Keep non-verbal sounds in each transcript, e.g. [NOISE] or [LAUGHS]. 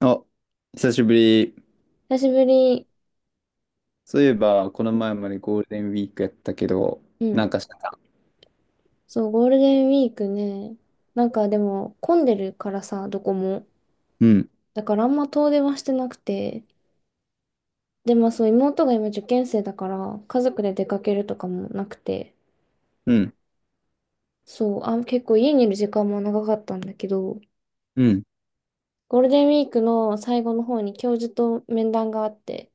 あ、久しぶり。久しぶり。そういえば、この前までゴールデンウィークやったけど、うなんん。かしたか？そう、ゴールデンウィークね。でも混んでるからさ、どこも。うん。だからあんま遠出はしてなくて。で、まあそう、妹が今受験生だから、家族で出かけるとかもなくて。うん。そう、あ、結構家にいる時間も長かったんだけど、うん。ゴールデンウィークの最後の方に教授と面談があって、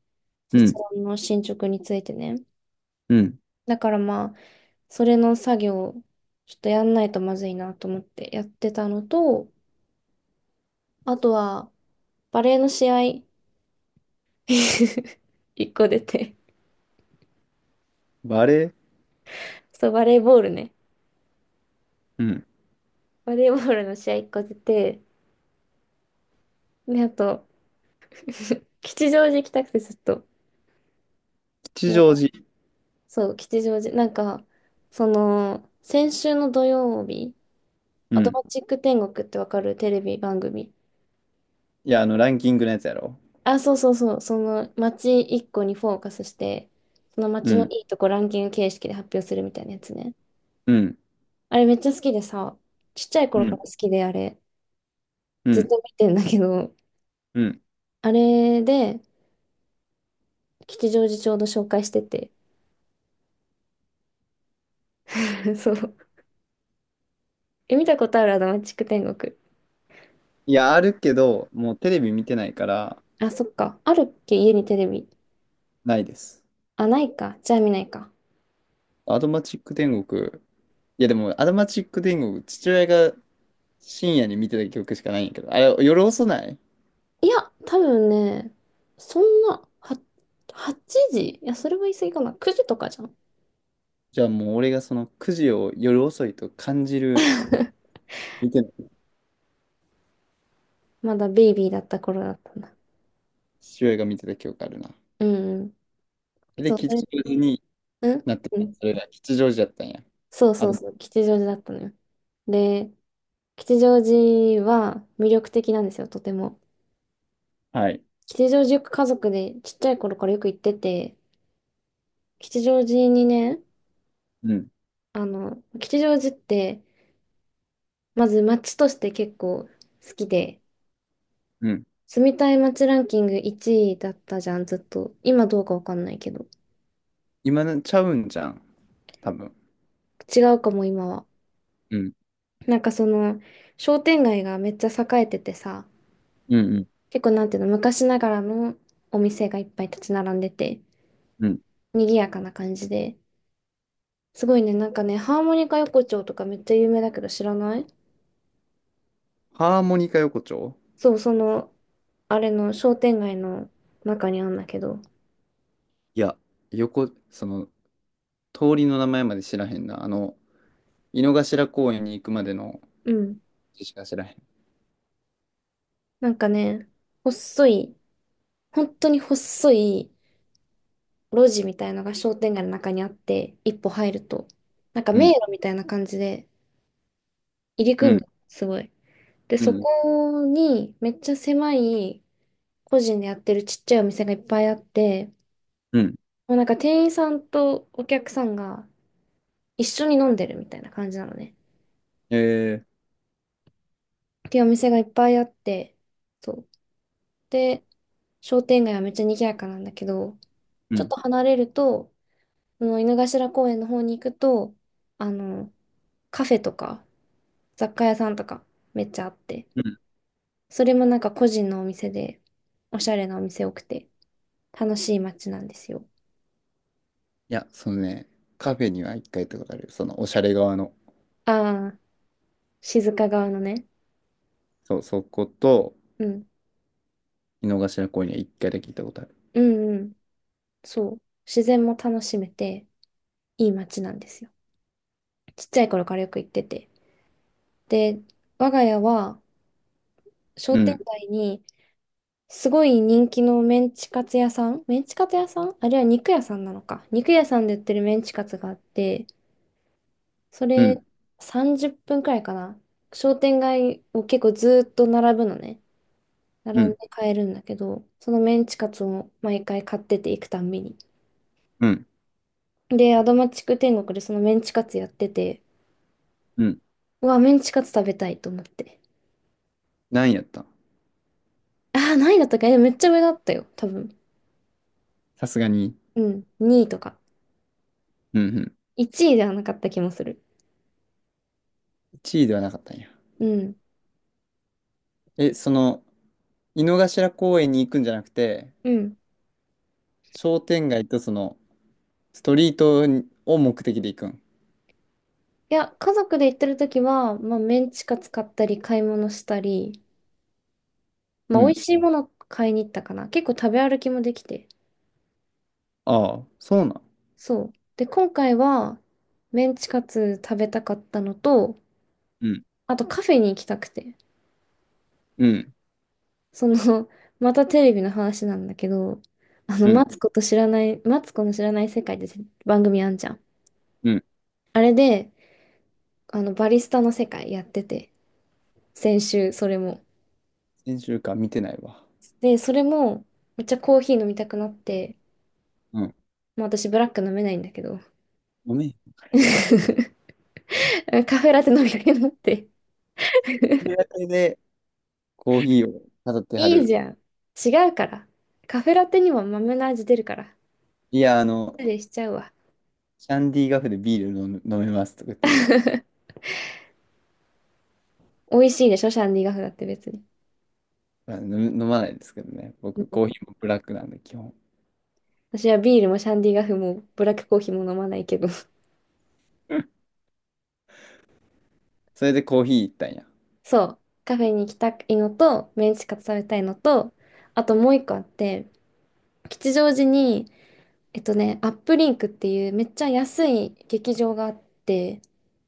う卒ん。論の進捗についてね。うん。だからまあ、それの作業をちょっとやんないとまずいなと思ってやってたのと、あとは、バレーの試合 [LAUGHS] 一個出て。バレー。そう、バレーボールね。うん。バレーボールの試合一個出て、で、あと、[LAUGHS] 吉祥寺行きたくてずっと。吉なん祥か寺。そう、吉祥寺。その、先週の土曜日、うアドん。マチック天国ってわかるテレビ番組。いや、あの、ランキングのやつやろ。あ、そうそうそう。その街一個にフォーカスして、そのう街のん。いいとこランキング形式で発表するみたいなやつね。うん。あれめっちゃ好きでさ、ちっちゃいう頃かん。ら好きであれ、うずっん。と見てんだけど、うん。あれで、吉祥寺ちょうど紹介してて。[LAUGHS] そう。え、見たことあるアドマチック天国。いや、あるけど、もうテレビ見てないから、あ、そっか。あるっけ家にテレビ。ないです。あ、ないか。じゃあ見ないか。アドマチック天国。いや、でも、アドマチック天国、父親が深夜に見てた曲しかないんやけど、あれ、夜遅ない？いや、多分ね、そんな、は、8時いや、それは言い過ぎかな。9時とかじゃん。じゃあもう俺がそのくじを夜遅いと感じる。 [LAUGHS] 見てない。まだベイビーだった頃だったな。父親が見てた記憶あるな。うんうん。で、そう、それ、吉祥寺にうんなってうた。ん。それが吉祥寺やったんや。そうあそうと、そう。吉祥寺だったのよ。で、吉祥寺は魅力的なんですよ、とても。はい。吉祥寺よく家族でちっちゃい頃からよく行ってて、吉祥寺にね、うん。あの、吉祥寺って、まず街として結構好きで、うん。住みたい街ランキング1位だったじゃん、ずっと。今どうかわかんないけど。今のちゃうんじゃん。多分。違うかも、今は。うん。なんかその、商店街がめっちゃ栄えててさ、うんうん。結構なんていうの、昔ながらのお店がいっぱい立ち並んでて、うん。賑やかな感じで。すごいね、なんかね、ハーモニカ横丁とかめっちゃ有名だけど知らない。ハーモニカ横丁。そう、その、あれの商店街の中にあんだけど。いや、横、その、通りの名前まで知らへんな。あの、井の頭公園に行くまでのうん。字しか知らへん。なんかね、細い、本当に細い路地みたいのが商店街の中にあって、一歩入ると、なんかう迷ん。路みたいな感じで入りう組んでん。る、すごい。で、うそん。こにめっちゃ狭い個人でやってるちっちゃいお店がいっぱいあって、うん。もうなんか店員さんとお客さんが一緒に飲んでるみたいな感じなのね。えー。っていうお店がいっぱいあって、そう。で、商店街はめっちゃ賑やかなんだけど、うちょっん。と離れると、その井の頭公園の方に行くと、あの、カフェとか雑貨屋さんとかめっちゃあって、うん。それもなんか個人のお店で、おしゃれなお店多くて、楽しい街なんですよ。いや、そのね、カフェには一回行ったことある。その、おしゃれ側の。ああ、静岡側のね。そう、そこと、うん。井の頭公園には一回だけ行ったことある。うんうん。そう。自然も楽しめて、いい街なんですよ。ちっちゃい頃からよく行ってて。で、我が家は商う店ん。街にすごい人気のメンチカツ屋さん、メンチカツ屋さんあれは肉屋さんなのか。肉屋さんで売ってるメンチカツがあって、そうれん。30分くらいかな。商店街を結構ずーっと並ぶのね。並うんでん。買えるんだけど、そのメンチカツを毎回買ってて行くたんびに。うん。で、アドマチック天国でそのメンチカツやってて、うん。うわ、メンチカツ食べたいと思って。何位やったん？ああ、何位だったっけえめっちゃ上だったよ、多分。さすがに、うん、2位とか。うん、うん。1位ではなかった気もする。1位ではなかったんや。うん。え、その、井の頭公園に行くんじゃなくて、うん。商店街とその、ストリートを目的で行くん？いや、家族で行ってる時は、まあ、メンチカツ買ったり、買い物したり、まうあ、美味ん。しいもの買いに行ったかな。結構食べ歩きもできて。ああ、そうなん。そう。で、今回は、メンチカツ食べたかったのと、うん。あとカフェに行きたくて。うん。その、[LAUGHS] またテレビの話なんだけど、あの、うマん。ツコと知らない、マツコの知らない世界って番組あんじゃん。うん。あれで、あの、バリスタの世界やってて、先週、それも。先週間見てないわ。で、それも、めっちゃコーヒー飲みたくなって、うん。まあ私ブラック飲めないんだけど。ごめん。[LAUGHS] カフェラテ飲みかけになって。手当てでコーヒーを飾ってはいいる。じゃん。違うから。カフェラテにも豆の味出るから。いや、あの、でしちゃうわ。キャンディーガフでビール飲む飲めますとか言って、[LAUGHS] 美味しいでしょ、シャンディガフだって別に。まあ飲む飲まないんですけどね。う僕、ん、コーヒーもブラックなんで、基本。私はビールもシャンディガフもブラックコーヒーも飲まないけど。それでコーヒー行ったんや。[LAUGHS] そう。カフェに行きたいのと、メンチカツ食べたいのと、あともう一個あって、吉祥寺に、えっとね、アップリンクっていうめっちゃ安い劇場があって、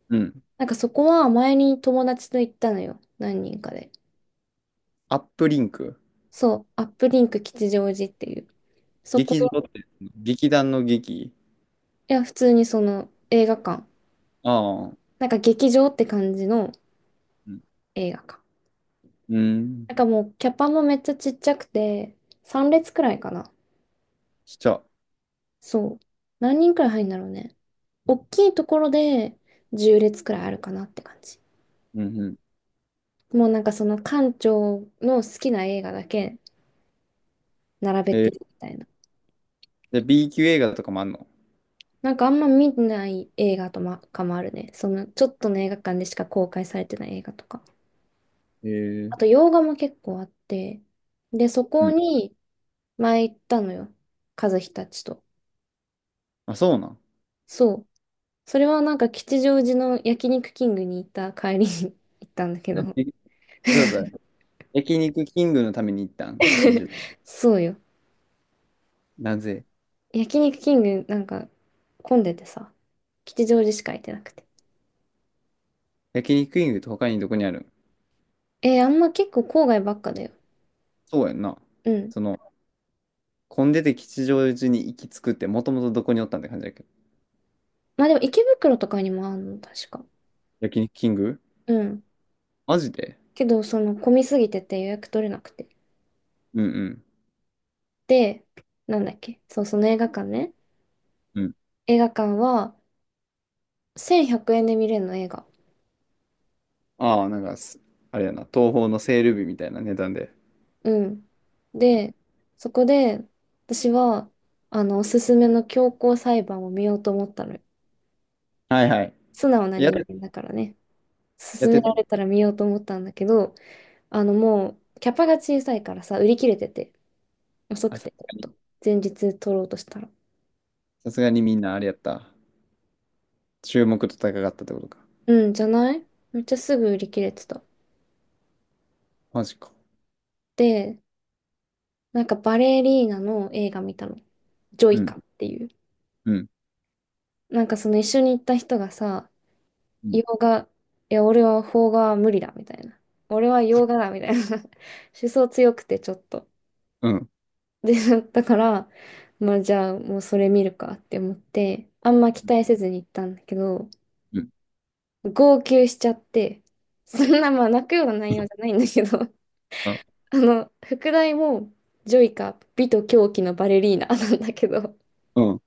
うん。なんかそこは前に友達と行ったのよ。何人かで。アップリンク。そう、アップリンク吉祥寺っていう。そこ、劇場って、劇団の劇？いや、普通にその映画館。ああ。なんか劇場って感じのうん。映画館。うん。なんかもうキャパもめっちゃちっちゃくて、3列くらいかな。しちゃう。そう。何人くらい入るんだろうね。大きいところで10列くらいあるかなって感じ。うんうん。もうなんかその館長の好きな映画だけ並べえてるー、みたいな。で、B 級映画とかもあんの？なんかあんま見ない映画とまかもあるね。そのちょっとの映画館でしか公開されてない映画とか。えー。あと洋画も結構あって。で、そうこん。に前行ったのよ。和樹たちと。あ、そうなん。そう。それはなんか吉祥寺の焼肉キングに行った帰りに [LAUGHS] 行ったんだけど。え、そうそう。焼肉キングのために行ったん吉祥？[LAUGHS] そうよ。なぜ？焼肉キングなんか混んでてさ。吉祥寺しか行ってなくて。焼肉キングって他にどこにある？えーあんま結構郊外ばっかだよ。そうやんな。うん。その、混んでて吉祥寺に行き着くって、もともとどこにおったんって感じだけど。まあでも池袋とかにもあるの、確か。焼肉キング？うん。マジで？けど、その、混みすぎてて予約取れなくて。うんで、なんだっけそう、その映画館ね。うん。うん。映画館は、1100円で見れるの、映画。ああ、なんかす、あれやな、東宝のセール日みたいな値段で。うん。で、そこで、私は、あの、おすすめの強行裁判を見ようと思ったのよ。はいはい。素直なやっ人て間だからね。やっ勧めてた。られたら見ようと思ったんだけど、あの、もう、キャパが小さいからさ、売り切れてて、遅くあ、さ、て、ちょっと。前日取ろうとしたら。さすがにみんなあれやった。注目と高かったってことか。うん、じゃないめっちゃすぐ売り切れてた。マジか。で、なんかバレリーナの映画見たの。ジョうイカん。っていう。うん。なんかその一緒に行った人がさ、うん。洋画、いや、俺は邦画は無理だみたいな。俺は洋画だみたいな。[LAUGHS] 思想強くてちょっと。うん。で、だから、まあじゃあもうそれ見るかって思って、あんま期待せずに行ったんだけど、うん。号泣しちゃって、そんなまあ泣くような内容じゃないんだけど、[LAUGHS] うん。あの、副題も、ジョイカ、美と狂気のバレリーナなんだけど、うん。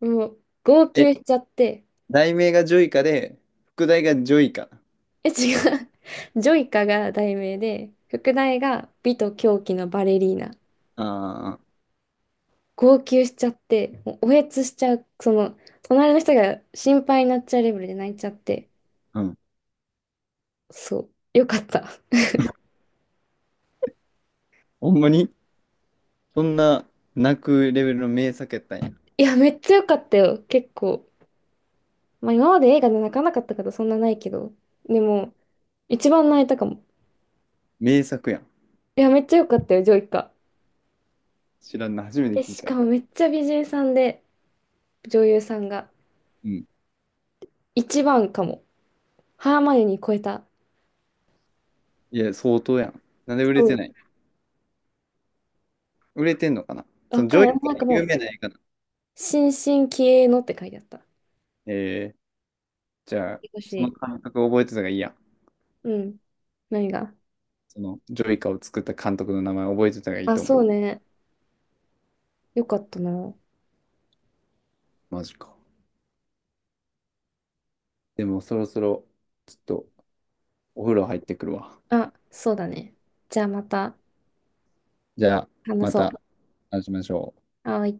もう、号え、泣しちゃって、題名がジョイカで、副題がジョイカ？え、違う。[LAUGHS] ジョイカが題名で、副題が美と狂気のバレリーナ。あ号泣しちゃって、もうおえつしちゃう、その、隣の人が心配になっちゃうレベルで泣いちゃって、あ。うん。そう、よかった。[LAUGHS] ほんまに？そんな泣くレベルの名作やったんや。いや、めっちゃよかったよ、結構。まあ、今まで映画で泣かなかったことそんなないけど、でも、一番泣いたかも。名作やん。いや、めっちゃよかったよ、ジョイカ。知らんな、初めてえ、聞いした。かもめっちゃ美人さんで、女優さんが。うん。一番かも。ハーマイオニー超えた。いや、相当やん。なんで売それてない？売れてんのかな？う。そわのジかんョイない。カはなんかも有う、名な映画なの？新進気鋭のって書いてあった。えー。じゃあ、少そのし。監督覚えてたがいいや。うん。何が。そのジョイカを作った監督の名前覚えてたがいいあ、と思そう。うね。よかったな。マジか。でもそろそろ、ちょっとお風呂入ってくるわ。あ、そうだね。じゃあまたじゃあ、話またそ話しましょう。う。はーい。